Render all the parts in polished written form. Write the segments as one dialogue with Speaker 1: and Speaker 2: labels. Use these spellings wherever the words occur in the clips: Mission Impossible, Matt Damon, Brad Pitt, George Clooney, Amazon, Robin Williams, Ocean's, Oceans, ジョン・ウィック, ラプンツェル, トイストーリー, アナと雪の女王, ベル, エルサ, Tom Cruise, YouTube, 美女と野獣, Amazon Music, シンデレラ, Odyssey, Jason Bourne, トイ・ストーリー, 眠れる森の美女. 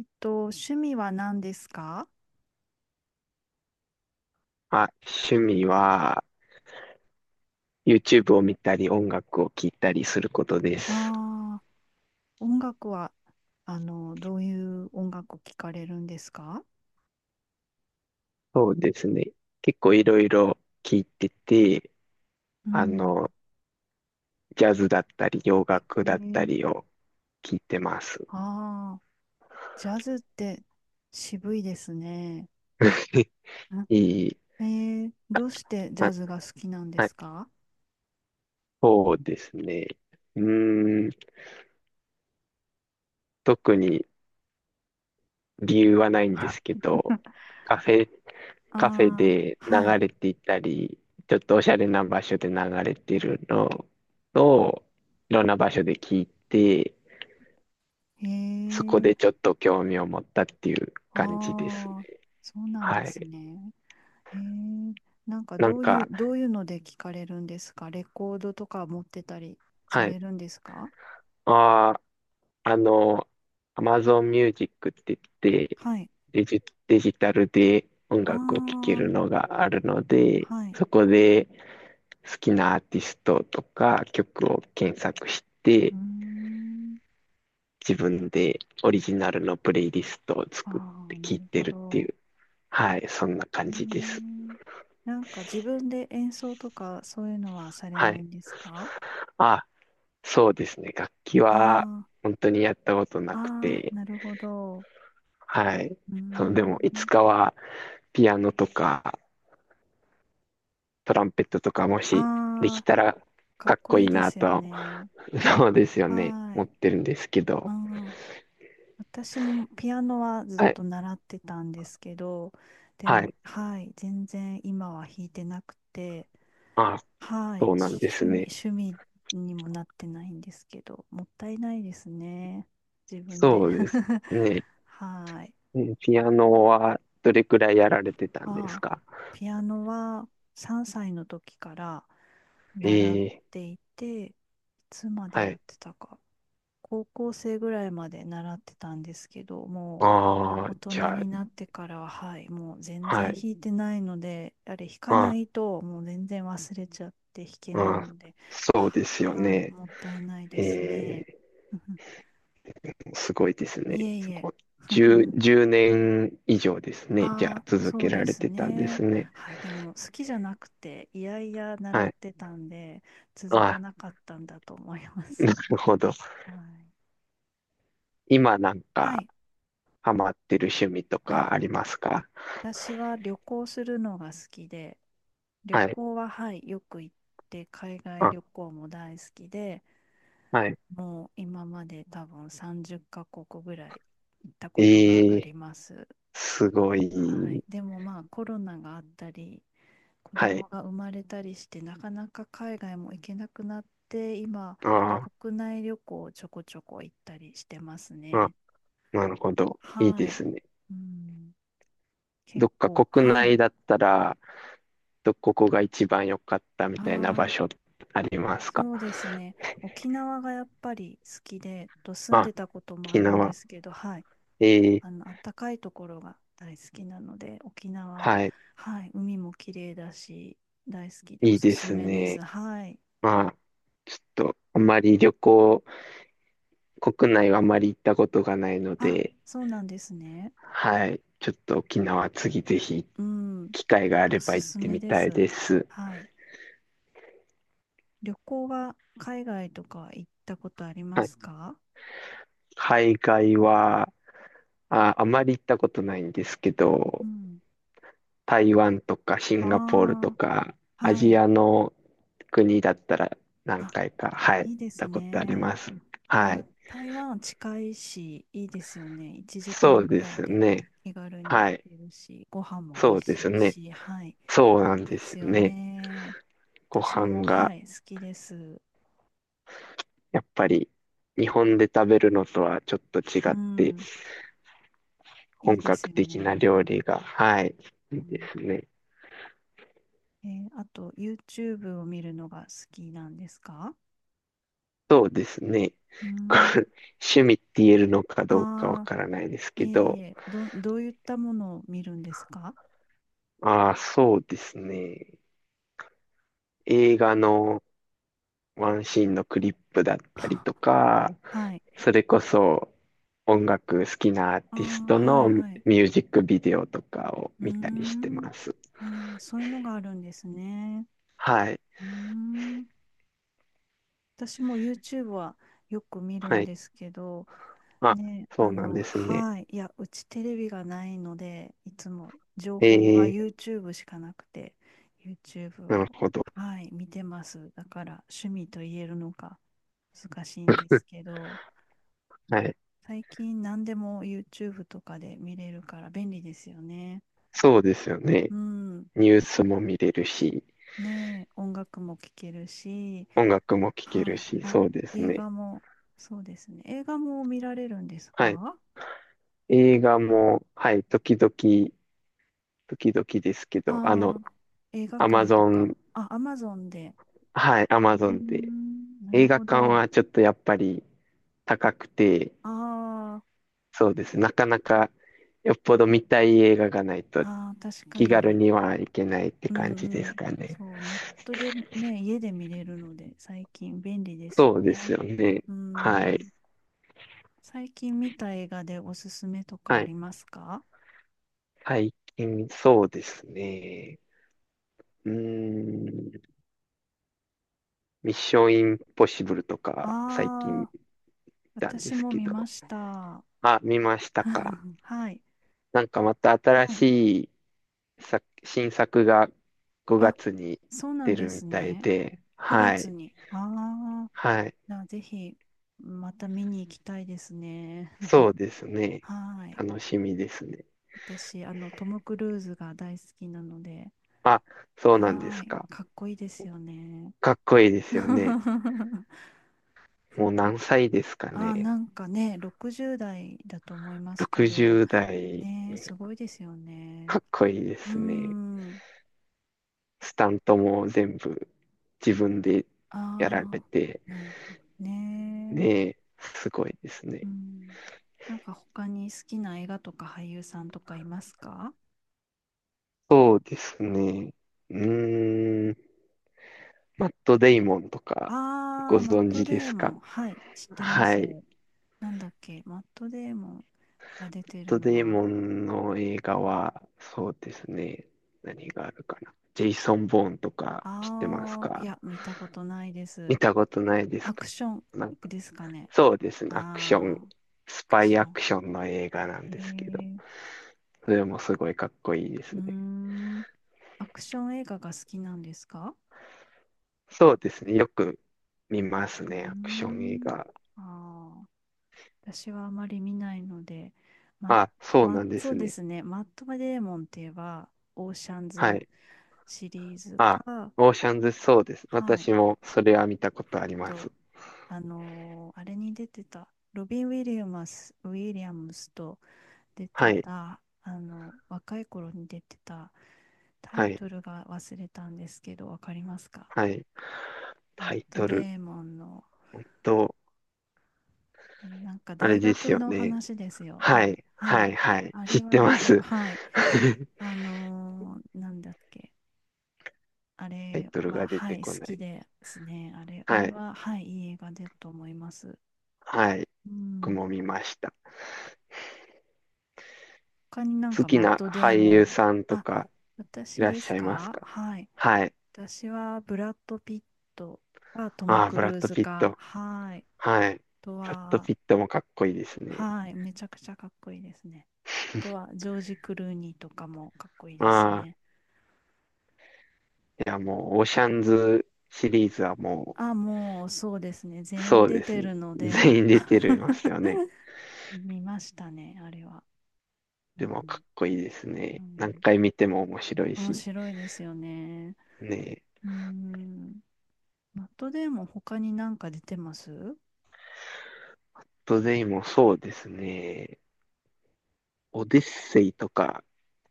Speaker 1: 趣味は何ですか？
Speaker 2: まあ、趣味は YouTube を見たり音楽を聴いたりすることです。
Speaker 1: ああー、音楽は、どういう音楽を聴かれるんですか？
Speaker 2: そうですね。結構いろいろ聴いてて、
Speaker 1: う
Speaker 2: あ
Speaker 1: ん。
Speaker 2: の、ジャズだったり洋楽だった
Speaker 1: ね。
Speaker 2: りを聴いてます。
Speaker 1: ああ。ジャズって渋いですね。ん。
Speaker 2: いい。あ、
Speaker 1: どうしてジャ
Speaker 2: あ
Speaker 1: ズが好きなんで
Speaker 2: はい、
Speaker 1: すか？
Speaker 2: そうですね。うーん。特に理由はないんで
Speaker 1: あ。
Speaker 2: すけど、カフェ、カフェ
Speaker 1: あ
Speaker 2: で
Speaker 1: ー、は
Speaker 2: 流
Speaker 1: い。
Speaker 2: れていたり、ちょっとおしゃれな場所で流れてるのを、いろんな場所で聞いて、
Speaker 1: へ
Speaker 2: そこ
Speaker 1: え。
Speaker 2: でちょっと興味を持ったっていう感じですね。
Speaker 1: ああ、そうなんで
Speaker 2: は
Speaker 1: す
Speaker 2: い。
Speaker 1: ね。へえ。なんか
Speaker 2: なん
Speaker 1: どういう、
Speaker 2: か、
Speaker 1: どういうので聞かれるんですか？レコードとか持ってたりさ
Speaker 2: はい。
Speaker 1: れるんですか？
Speaker 2: ああ、Amazon Music って言って、
Speaker 1: はい。
Speaker 2: デジタルで音楽を聴け
Speaker 1: あ
Speaker 2: るのがあるの
Speaker 1: あ、
Speaker 2: で、
Speaker 1: はい。
Speaker 2: そこで好きなアーティストとか曲を検索し
Speaker 1: う
Speaker 2: て、
Speaker 1: ーん。
Speaker 2: 自分でオリジナルのプレイリストを
Speaker 1: あ
Speaker 2: 作って
Speaker 1: あ、な
Speaker 2: 聴い
Speaker 1: る
Speaker 2: て
Speaker 1: ほ
Speaker 2: るってい
Speaker 1: ど。
Speaker 2: う、はい、そんな感
Speaker 1: え
Speaker 2: じです。
Speaker 1: ー、なんか自分で演奏とかそういうのはされ
Speaker 2: は
Speaker 1: ない
Speaker 2: い。
Speaker 1: んですか？
Speaker 2: あ、そうですね。楽器は
Speaker 1: あ
Speaker 2: 本当にやったことな
Speaker 1: あ、
Speaker 2: く
Speaker 1: ああ、
Speaker 2: て、
Speaker 1: なるほど。
Speaker 2: はい。
Speaker 1: うー
Speaker 2: でも、いつ
Speaker 1: ん。
Speaker 2: かは、ピアノとか、トランペットとか、もしで
Speaker 1: あ
Speaker 2: き
Speaker 1: あ、
Speaker 2: たら、
Speaker 1: か
Speaker 2: か
Speaker 1: っ
Speaker 2: っ
Speaker 1: こ
Speaker 2: こい
Speaker 1: い
Speaker 2: い
Speaker 1: いで
Speaker 2: な
Speaker 1: すよ
Speaker 2: と、
Speaker 1: ね。
Speaker 2: そうですよね、
Speaker 1: はー
Speaker 2: 思
Speaker 1: い。
Speaker 2: ってるんですけ
Speaker 1: う
Speaker 2: ど。
Speaker 1: ん。私もピアノはずっ
Speaker 2: はい。
Speaker 1: と習ってたんですけど、で
Speaker 2: は
Speaker 1: も、
Speaker 2: い。
Speaker 1: はい、全然今は弾いてなくて、
Speaker 2: あ、
Speaker 1: はい。
Speaker 2: そうなんです
Speaker 1: 趣味、
Speaker 2: ね。
Speaker 1: 趣味にもなってないんですけど、もったいないですね。自分で。
Speaker 2: そうですね。
Speaker 1: はい。
Speaker 2: うん、ピアノは、どれくらいやられてたんです
Speaker 1: ああ、
Speaker 2: か？
Speaker 1: ピアノは3歳の時から習っ
Speaker 2: ええ、
Speaker 1: ていて、いつまで
Speaker 2: は
Speaker 1: やっ
Speaker 2: い。
Speaker 1: てたか。高校生ぐらいまで習ってたんですけど、も
Speaker 2: ああ、
Speaker 1: う大人
Speaker 2: じゃあ、
Speaker 1: になってからは、はい、もう全
Speaker 2: は
Speaker 1: 然
Speaker 2: い。
Speaker 1: 弾いてないので、あれ弾か
Speaker 2: あ、
Speaker 1: ないともう全然忘れちゃって弾けない
Speaker 2: あ、
Speaker 1: ので、
Speaker 2: そう
Speaker 1: は、
Speaker 2: ですよ
Speaker 1: はい、
Speaker 2: ね。
Speaker 1: もったいない
Speaker 2: え
Speaker 1: ですね。
Speaker 2: え、 すごいです
Speaker 1: い
Speaker 2: ね。
Speaker 1: えい
Speaker 2: そ
Speaker 1: え。
Speaker 2: こ、10年以上ですね。じゃ
Speaker 1: あ
Speaker 2: あ、
Speaker 1: あ、
Speaker 2: 続
Speaker 1: そ
Speaker 2: け
Speaker 1: う
Speaker 2: ら
Speaker 1: で
Speaker 2: れ
Speaker 1: す
Speaker 2: てたんです
Speaker 1: ね。
Speaker 2: ね。
Speaker 1: はい、でも好きじゃなくて、いやいや
Speaker 2: は
Speaker 1: 習っ
Speaker 2: い。
Speaker 1: てたんで、続か
Speaker 2: あ、
Speaker 1: なかったんだと思います。
Speaker 2: なるほど。
Speaker 1: はい。
Speaker 2: 今なん
Speaker 1: は
Speaker 2: か、
Speaker 1: い。
Speaker 2: ハマってる趣味と
Speaker 1: あ。
Speaker 2: かありますか？
Speaker 1: 私は旅行するのが好きで、旅
Speaker 2: はい。
Speaker 1: 行は、はい、よく行って、海外
Speaker 2: あ、
Speaker 1: 旅行も大好きで、
Speaker 2: はい。
Speaker 1: もう今まで多分30カ国ぐらい行ったことが
Speaker 2: え
Speaker 1: あ
Speaker 2: え、
Speaker 1: ります。
Speaker 2: すご
Speaker 1: はい、
Speaker 2: い。
Speaker 1: でもまあコロナがあったり、子
Speaker 2: はい。
Speaker 1: 供が生まれたりして、なかなか海外も行けなくなって、今、
Speaker 2: あ
Speaker 1: 国内旅行をちょこちょこ行ったりしてます
Speaker 2: ーあ、
Speaker 1: ね。
Speaker 2: なるほど。いい
Speaker 1: は
Speaker 2: で
Speaker 1: い。
Speaker 2: すね。
Speaker 1: うん、
Speaker 2: ど
Speaker 1: 結
Speaker 2: っか
Speaker 1: 構、
Speaker 2: 国
Speaker 1: は
Speaker 2: 内
Speaker 1: い。
Speaker 2: だったら、ここが一番良かったみたいな場
Speaker 1: あ、
Speaker 2: 所ありますか？
Speaker 1: そうですね。沖縄がやっぱり好きで、住ん
Speaker 2: あ、
Speaker 1: でたこともあ
Speaker 2: 沖
Speaker 1: るんで
Speaker 2: 縄。
Speaker 1: すけど、はい。
Speaker 2: ええ、
Speaker 1: 暖かいところが大好きなので、沖縄、
Speaker 2: はい。
Speaker 1: はい。海も綺麗だし、大好きでお
Speaker 2: いい
Speaker 1: す
Speaker 2: で
Speaker 1: す
Speaker 2: す
Speaker 1: めです。
Speaker 2: ね。
Speaker 1: はい。
Speaker 2: まあ、ちょっと、あまり旅行、国内はあまり行ったことがないの
Speaker 1: あ、
Speaker 2: で、
Speaker 1: そうなんですね。
Speaker 2: はい。ちょっと沖縄次ぜひ、
Speaker 1: うん。
Speaker 2: 機会があれ
Speaker 1: お
Speaker 2: ば
Speaker 1: す
Speaker 2: 行っ
Speaker 1: す
Speaker 2: て
Speaker 1: め
Speaker 2: み
Speaker 1: で
Speaker 2: たい
Speaker 1: す。
Speaker 2: です。
Speaker 1: はい。旅行は海外とか行ったことありま
Speaker 2: はい。
Speaker 1: すか？
Speaker 2: 海外は、あまり行ったことないんですけ
Speaker 1: う
Speaker 2: ど、
Speaker 1: ん。
Speaker 2: 台湾とかシンガポールと
Speaker 1: あ
Speaker 2: か、
Speaker 1: あ、
Speaker 2: ア
Speaker 1: は
Speaker 2: ジ
Speaker 1: い。
Speaker 2: アの国だったら何
Speaker 1: あ、
Speaker 2: 回か、はい、行っ
Speaker 1: いいです
Speaker 2: たことあり
Speaker 1: ね。
Speaker 2: ます。は
Speaker 1: は
Speaker 2: い。
Speaker 1: い、台湾近いし、いいですよね。1時
Speaker 2: そ
Speaker 1: 間
Speaker 2: う
Speaker 1: ぐ
Speaker 2: で
Speaker 1: ら
Speaker 2: す
Speaker 1: いで
Speaker 2: ね。
Speaker 1: 気軽
Speaker 2: は
Speaker 1: に
Speaker 2: い。
Speaker 1: 行けるし、ご飯も美
Speaker 2: そ
Speaker 1: 味
Speaker 2: うで
Speaker 1: し
Speaker 2: す
Speaker 1: い
Speaker 2: ね。
Speaker 1: し、はい、
Speaker 2: そうなんで
Speaker 1: で
Speaker 2: す
Speaker 1: す
Speaker 2: よ
Speaker 1: よ
Speaker 2: ね。
Speaker 1: ね。
Speaker 2: ご
Speaker 1: 私
Speaker 2: 飯
Speaker 1: も、
Speaker 2: が
Speaker 1: はい、好きです。
Speaker 2: やっぱり日本で食べるのとはちょっと違
Speaker 1: う
Speaker 2: って
Speaker 1: ん、い
Speaker 2: 本
Speaker 1: いで
Speaker 2: 格
Speaker 1: すよ
Speaker 2: 的な
Speaker 1: ね。
Speaker 2: 料理が、はい、い
Speaker 1: う
Speaker 2: いで
Speaker 1: ん、
Speaker 2: すね。
Speaker 1: あと、YouTube を見るのが好きなんですか？
Speaker 2: そうですね。
Speaker 1: う
Speaker 2: こ
Speaker 1: ん。
Speaker 2: れ趣味って言えるのかどうかわ
Speaker 1: ああ、
Speaker 2: からないです
Speaker 1: い
Speaker 2: け
Speaker 1: えい
Speaker 2: ど、
Speaker 1: え、どういったものを見るんですか？
Speaker 2: ああ、そうですね。映画のワンシーンのクリップだったりと か、
Speaker 1: はい。
Speaker 2: それこそ音楽好きなアーティス
Speaker 1: ああ、
Speaker 2: ト
Speaker 1: はい、
Speaker 2: のミ
Speaker 1: はい。
Speaker 2: ュージックビデオとかを
Speaker 1: うー
Speaker 2: 見たりして
Speaker 1: ん。
Speaker 2: ます。
Speaker 1: ああ、そういうのがあるんですね。
Speaker 2: はい。
Speaker 1: うーん。私も YouTube はよく見る
Speaker 2: は
Speaker 1: ん
Speaker 2: い。
Speaker 1: ですけど、
Speaker 2: あ、
Speaker 1: ね、
Speaker 2: そうなんですね。
Speaker 1: はい。いや、うちテレビがないので、いつも情
Speaker 2: え
Speaker 1: 報が
Speaker 2: え、
Speaker 1: YouTube しかなくて、YouTube
Speaker 2: な
Speaker 1: を、
Speaker 2: るほど。
Speaker 1: はい、見てます。だから趣味と言えるのか難しいんですけど、
Speaker 2: はい。
Speaker 1: 最近何でも YouTube とかで見れるから便利ですよね。
Speaker 2: そうですよね。
Speaker 1: うん。
Speaker 2: ニュースも見れるし、
Speaker 1: ねえ、音楽も聴けるし、
Speaker 2: 音楽も聴け
Speaker 1: は
Speaker 2: る
Speaker 1: い。
Speaker 2: し、
Speaker 1: あ、
Speaker 2: そうです
Speaker 1: 映
Speaker 2: ね。
Speaker 1: 画も、そうですね。映画も見られるんです
Speaker 2: はい。
Speaker 1: か？
Speaker 2: 映画も、はい、時々ですけど、
Speaker 1: ああ、映画
Speaker 2: アマ
Speaker 1: 館と
Speaker 2: ゾ
Speaker 1: か。
Speaker 2: ン、
Speaker 1: あ、アマゾンで。
Speaker 2: はい、ア
Speaker 1: うー
Speaker 2: マゾンで。
Speaker 1: ん、なる
Speaker 2: 映画
Speaker 1: ほ
Speaker 2: 館
Speaker 1: ど。
Speaker 2: はちょっとやっぱり高くて、
Speaker 1: ああ、
Speaker 2: そうです。なかなかよっぽど見たい映画がないと
Speaker 1: ああ、確か
Speaker 2: 気軽
Speaker 1: に。
Speaker 2: にはいけないって
Speaker 1: う
Speaker 2: 感じで
Speaker 1: んう
Speaker 2: す
Speaker 1: ん。
Speaker 2: かね。
Speaker 1: そう、ネットでね、家で見れるので、最近便利です
Speaker 2: そ
Speaker 1: よ
Speaker 2: うです
Speaker 1: ね。
Speaker 2: よね。
Speaker 1: う
Speaker 2: は
Speaker 1: ん。
Speaker 2: い。
Speaker 1: 最近見た映画でおすすめとか
Speaker 2: は
Speaker 1: あ
Speaker 2: い。
Speaker 1: りますか？
Speaker 2: 最近、そうですね。うーん。ミッションインポッシブルとか、最近
Speaker 1: あ
Speaker 2: 見
Speaker 1: あー、
Speaker 2: たんで
Speaker 1: 私
Speaker 2: す
Speaker 1: も
Speaker 2: け
Speaker 1: 見ま
Speaker 2: ど。
Speaker 1: した。
Speaker 2: 見ましたか？
Speaker 1: はい。
Speaker 2: なんかまた新
Speaker 1: はい。
Speaker 2: しい新作が5
Speaker 1: あ、
Speaker 2: 月に
Speaker 1: そうな
Speaker 2: 出
Speaker 1: んで
Speaker 2: るみ
Speaker 1: す
Speaker 2: たい
Speaker 1: ね。
Speaker 2: で。
Speaker 1: 9
Speaker 2: は
Speaker 1: 月
Speaker 2: い。
Speaker 1: に。ああ、
Speaker 2: はい。
Speaker 1: な、ぜひ、また見に行きたいですね。
Speaker 2: そうです ね。
Speaker 1: はい。
Speaker 2: 楽しみですね。
Speaker 1: 私、トム・クルーズが大好きなので、
Speaker 2: あ、そうなんで
Speaker 1: は
Speaker 2: す
Speaker 1: い。
Speaker 2: か？
Speaker 1: かっこいいですよね。
Speaker 2: かっこいいですよね。
Speaker 1: そ
Speaker 2: もう
Speaker 1: う。
Speaker 2: 何歳ですか
Speaker 1: ああ、
Speaker 2: ね。
Speaker 1: なんかね、60代だと思いますけど、
Speaker 2: 60代、
Speaker 1: ね、すごいですよ
Speaker 2: か
Speaker 1: ね。
Speaker 2: っこいいで
Speaker 1: うー
Speaker 2: すね。
Speaker 1: ん。
Speaker 2: スタントも全部自分でやられ
Speaker 1: あ
Speaker 2: て、
Speaker 1: あ、なるほどね。
Speaker 2: ねえ、すごいです
Speaker 1: う
Speaker 2: ね。
Speaker 1: ん、なんか他に好きな映画とか俳優さんとかいますか？
Speaker 2: そうですね。うーん、マット・デイモンとか
Speaker 1: ああ
Speaker 2: ご
Speaker 1: ー、マッ
Speaker 2: 存
Speaker 1: ト
Speaker 2: 知で
Speaker 1: デー
Speaker 2: す
Speaker 1: モ
Speaker 2: か？
Speaker 1: ン。はい、知ってま
Speaker 2: は
Speaker 1: す。
Speaker 2: い。マッ
Speaker 1: なんだっけ、マットデーモンが出てる
Speaker 2: ト・
Speaker 1: の
Speaker 2: デイ
Speaker 1: は、
Speaker 2: モンの映画は、そうですね。何があるかな。ジェイソン・ボーンとか知ってます
Speaker 1: ああ、い
Speaker 2: か？
Speaker 1: や、見たことないで
Speaker 2: 見
Speaker 1: す。
Speaker 2: たことないです
Speaker 1: ア
Speaker 2: か？
Speaker 1: クション
Speaker 2: なんか、
Speaker 1: ですかね。
Speaker 2: そうですね。アクショ
Speaker 1: あ
Speaker 2: ン、
Speaker 1: あ、ア
Speaker 2: ス
Speaker 1: ク
Speaker 2: パイ
Speaker 1: ショ
Speaker 2: ア
Speaker 1: ン。
Speaker 2: クションの映画なん
Speaker 1: え
Speaker 2: ですけど、
Speaker 1: ー、
Speaker 2: それもすごいかっこいいです
Speaker 1: うー
Speaker 2: ね。
Speaker 1: ん、アクション映画が好きなんですか？
Speaker 2: そうですね。よく見ます
Speaker 1: うー
Speaker 2: ね。アクション映
Speaker 1: ん、
Speaker 2: 画。
Speaker 1: ああ。私はあまり見ないので、ま、
Speaker 2: そう
Speaker 1: ま、
Speaker 2: なんで
Speaker 1: そ
Speaker 2: す
Speaker 1: うで
Speaker 2: ね。
Speaker 1: すね。マット・デーモンって言えば、オーシャン
Speaker 2: は
Speaker 1: ズ
Speaker 2: い。
Speaker 1: シリーズ
Speaker 2: あ、
Speaker 1: か、
Speaker 2: オーシャンズ、そうです。
Speaker 1: はい。
Speaker 2: 私もそれは見たことあ
Speaker 1: あ
Speaker 2: りま
Speaker 1: と、
Speaker 2: す。
Speaker 1: あれに出てた、ロビン・ウィリアムスと出
Speaker 2: は
Speaker 1: て
Speaker 2: い。
Speaker 1: た、若い頃に出てた、タ
Speaker 2: は
Speaker 1: イ
Speaker 2: い。
Speaker 1: トルが忘れたんですけど、わかりますか？
Speaker 2: はい。
Speaker 1: マ
Speaker 2: タ
Speaker 1: ッ
Speaker 2: イ
Speaker 1: ト・
Speaker 2: トル
Speaker 1: デーモンの
Speaker 2: と、
Speaker 1: なんか
Speaker 2: あれ
Speaker 1: 大
Speaker 2: です
Speaker 1: 学
Speaker 2: よ
Speaker 1: の
Speaker 2: ね。
Speaker 1: 話ですよ
Speaker 2: は
Speaker 1: ね。
Speaker 2: い。
Speaker 1: は
Speaker 2: はい。
Speaker 1: い。
Speaker 2: はい。
Speaker 1: あ
Speaker 2: 知っ
Speaker 1: れは
Speaker 2: て
Speaker 1: 見
Speaker 2: ま
Speaker 1: たく、
Speaker 2: す。
Speaker 1: はい。なんだっけ。あ
Speaker 2: タイ
Speaker 1: れ
Speaker 2: トルが
Speaker 1: は、
Speaker 2: 出
Speaker 1: は
Speaker 2: て
Speaker 1: い、好
Speaker 2: こない。
Speaker 1: きですね。あれ、あ
Speaker 2: は
Speaker 1: れ
Speaker 2: い。
Speaker 1: は、はい、いい映画だと思います。
Speaker 2: はい。
Speaker 1: う
Speaker 2: 僕
Speaker 1: ん。
Speaker 2: も見ました。
Speaker 1: 他になん
Speaker 2: 好
Speaker 1: か
Speaker 2: き
Speaker 1: マッ
Speaker 2: な
Speaker 1: トデー
Speaker 2: 俳
Speaker 1: モ
Speaker 2: 優
Speaker 1: ン。
Speaker 2: さんと
Speaker 1: あ、
Speaker 2: かい
Speaker 1: 私
Speaker 2: らっ
Speaker 1: で
Speaker 2: し
Speaker 1: す
Speaker 2: ゃいます
Speaker 1: か？
Speaker 2: か？
Speaker 1: はい。
Speaker 2: はい。
Speaker 1: 私はブラッド・ピットかトム・
Speaker 2: ああ、ブ
Speaker 1: ク
Speaker 2: ラッ
Speaker 1: ルー
Speaker 2: ド・
Speaker 1: ズ
Speaker 2: ピッ
Speaker 1: か、
Speaker 2: ト。
Speaker 1: はい。
Speaker 2: はい。
Speaker 1: あと
Speaker 2: ブラッド・
Speaker 1: は、
Speaker 2: ピットもかっこいいですね。
Speaker 1: はい、めちゃくちゃかっこいいですね。あとは、ジョージ・クルーニーとかもかっこいいです
Speaker 2: ああ、
Speaker 1: ね。
Speaker 2: いやもう、オーシャンズシリーズはも
Speaker 1: あ、もうそうですね。
Speaker 2: う、
Speaker 1: 全員
Speaker 2: そう
Speaker 1: 出
Speaker 2: です
Speaker 1: て
Speaker 2: ね。
Speaker 1: る ので、
Speaker 2: 全員出てるます よね。
Speaker 1: 見ましたね、あれは。う
Speaker 2: でもか
Speaker 1: ん、
Speaker 2: っこいいです
Speaker 1: う
Speaker 2: ね。何
Speaker 1: ん、
Speaker 2: 回見ても面白い
Speaker 1: 面
Speaker 2: し。
Speaker 1: 白いですよね。
Speaker 2: ねえ。
Speaker 1: うん。マットデーモン他になんか出てます？
Speaker 2: トデイもそうですね。オデッセイとか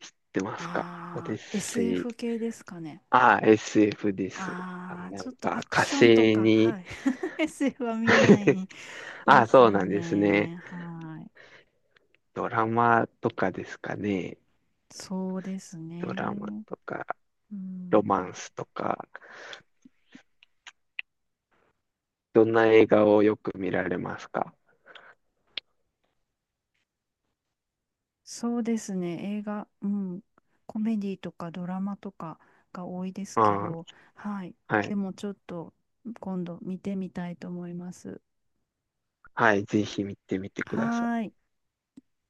Speaker 2: 知ってますか？オデッ
Speaker 1: ああー、
Speaker 2: セイ。
Speaker 1: SF 系ですかね。
Speaker 2: ああ、SF です。
Speaker 1: ああ、
Speaker 2: な
Speaker 1: ちょ
Speaker 2: ん
Speaker 1: っと
Speaker 2: か
Speaker 1: アク
Speaker 2: 火
Speaker 1: ションと
Speaker 2: 星
Speaker 1: か、
Speaker 2: に
Speaker 1: はい。SF は見な い
Speaker 2: あ
Speaker 1: で
Speaker 2: あ、
Speaker 1: す
Speaker 2: そう
Speaker 1: よ
Speaker 2: なんですね。
Speaker 1: ね。はい。
Speaker 2: ドラマとかですかね。
Speaker 1: そうです
Speaker 2: ドラマ
Speaker 1: ね。
Speaker 2: とか、
Speaker 1: う
Speaker 2: ロマン
Speaker 1: ん。
Speaker 2: スとか、どんな映画をよく見られますか？
Speaker 1: そうですね、映画、うん、コメディとかドラマとかが多いですけ
Speaker 2: あ
Speaker 1: ど、はい、
Speaker 2: あ、はい。
Speaker 1: でもちょっと今度見てみたいと思います。
Speaker 2: はい、ぜひ見てみてください。
Speaker 1: はーい。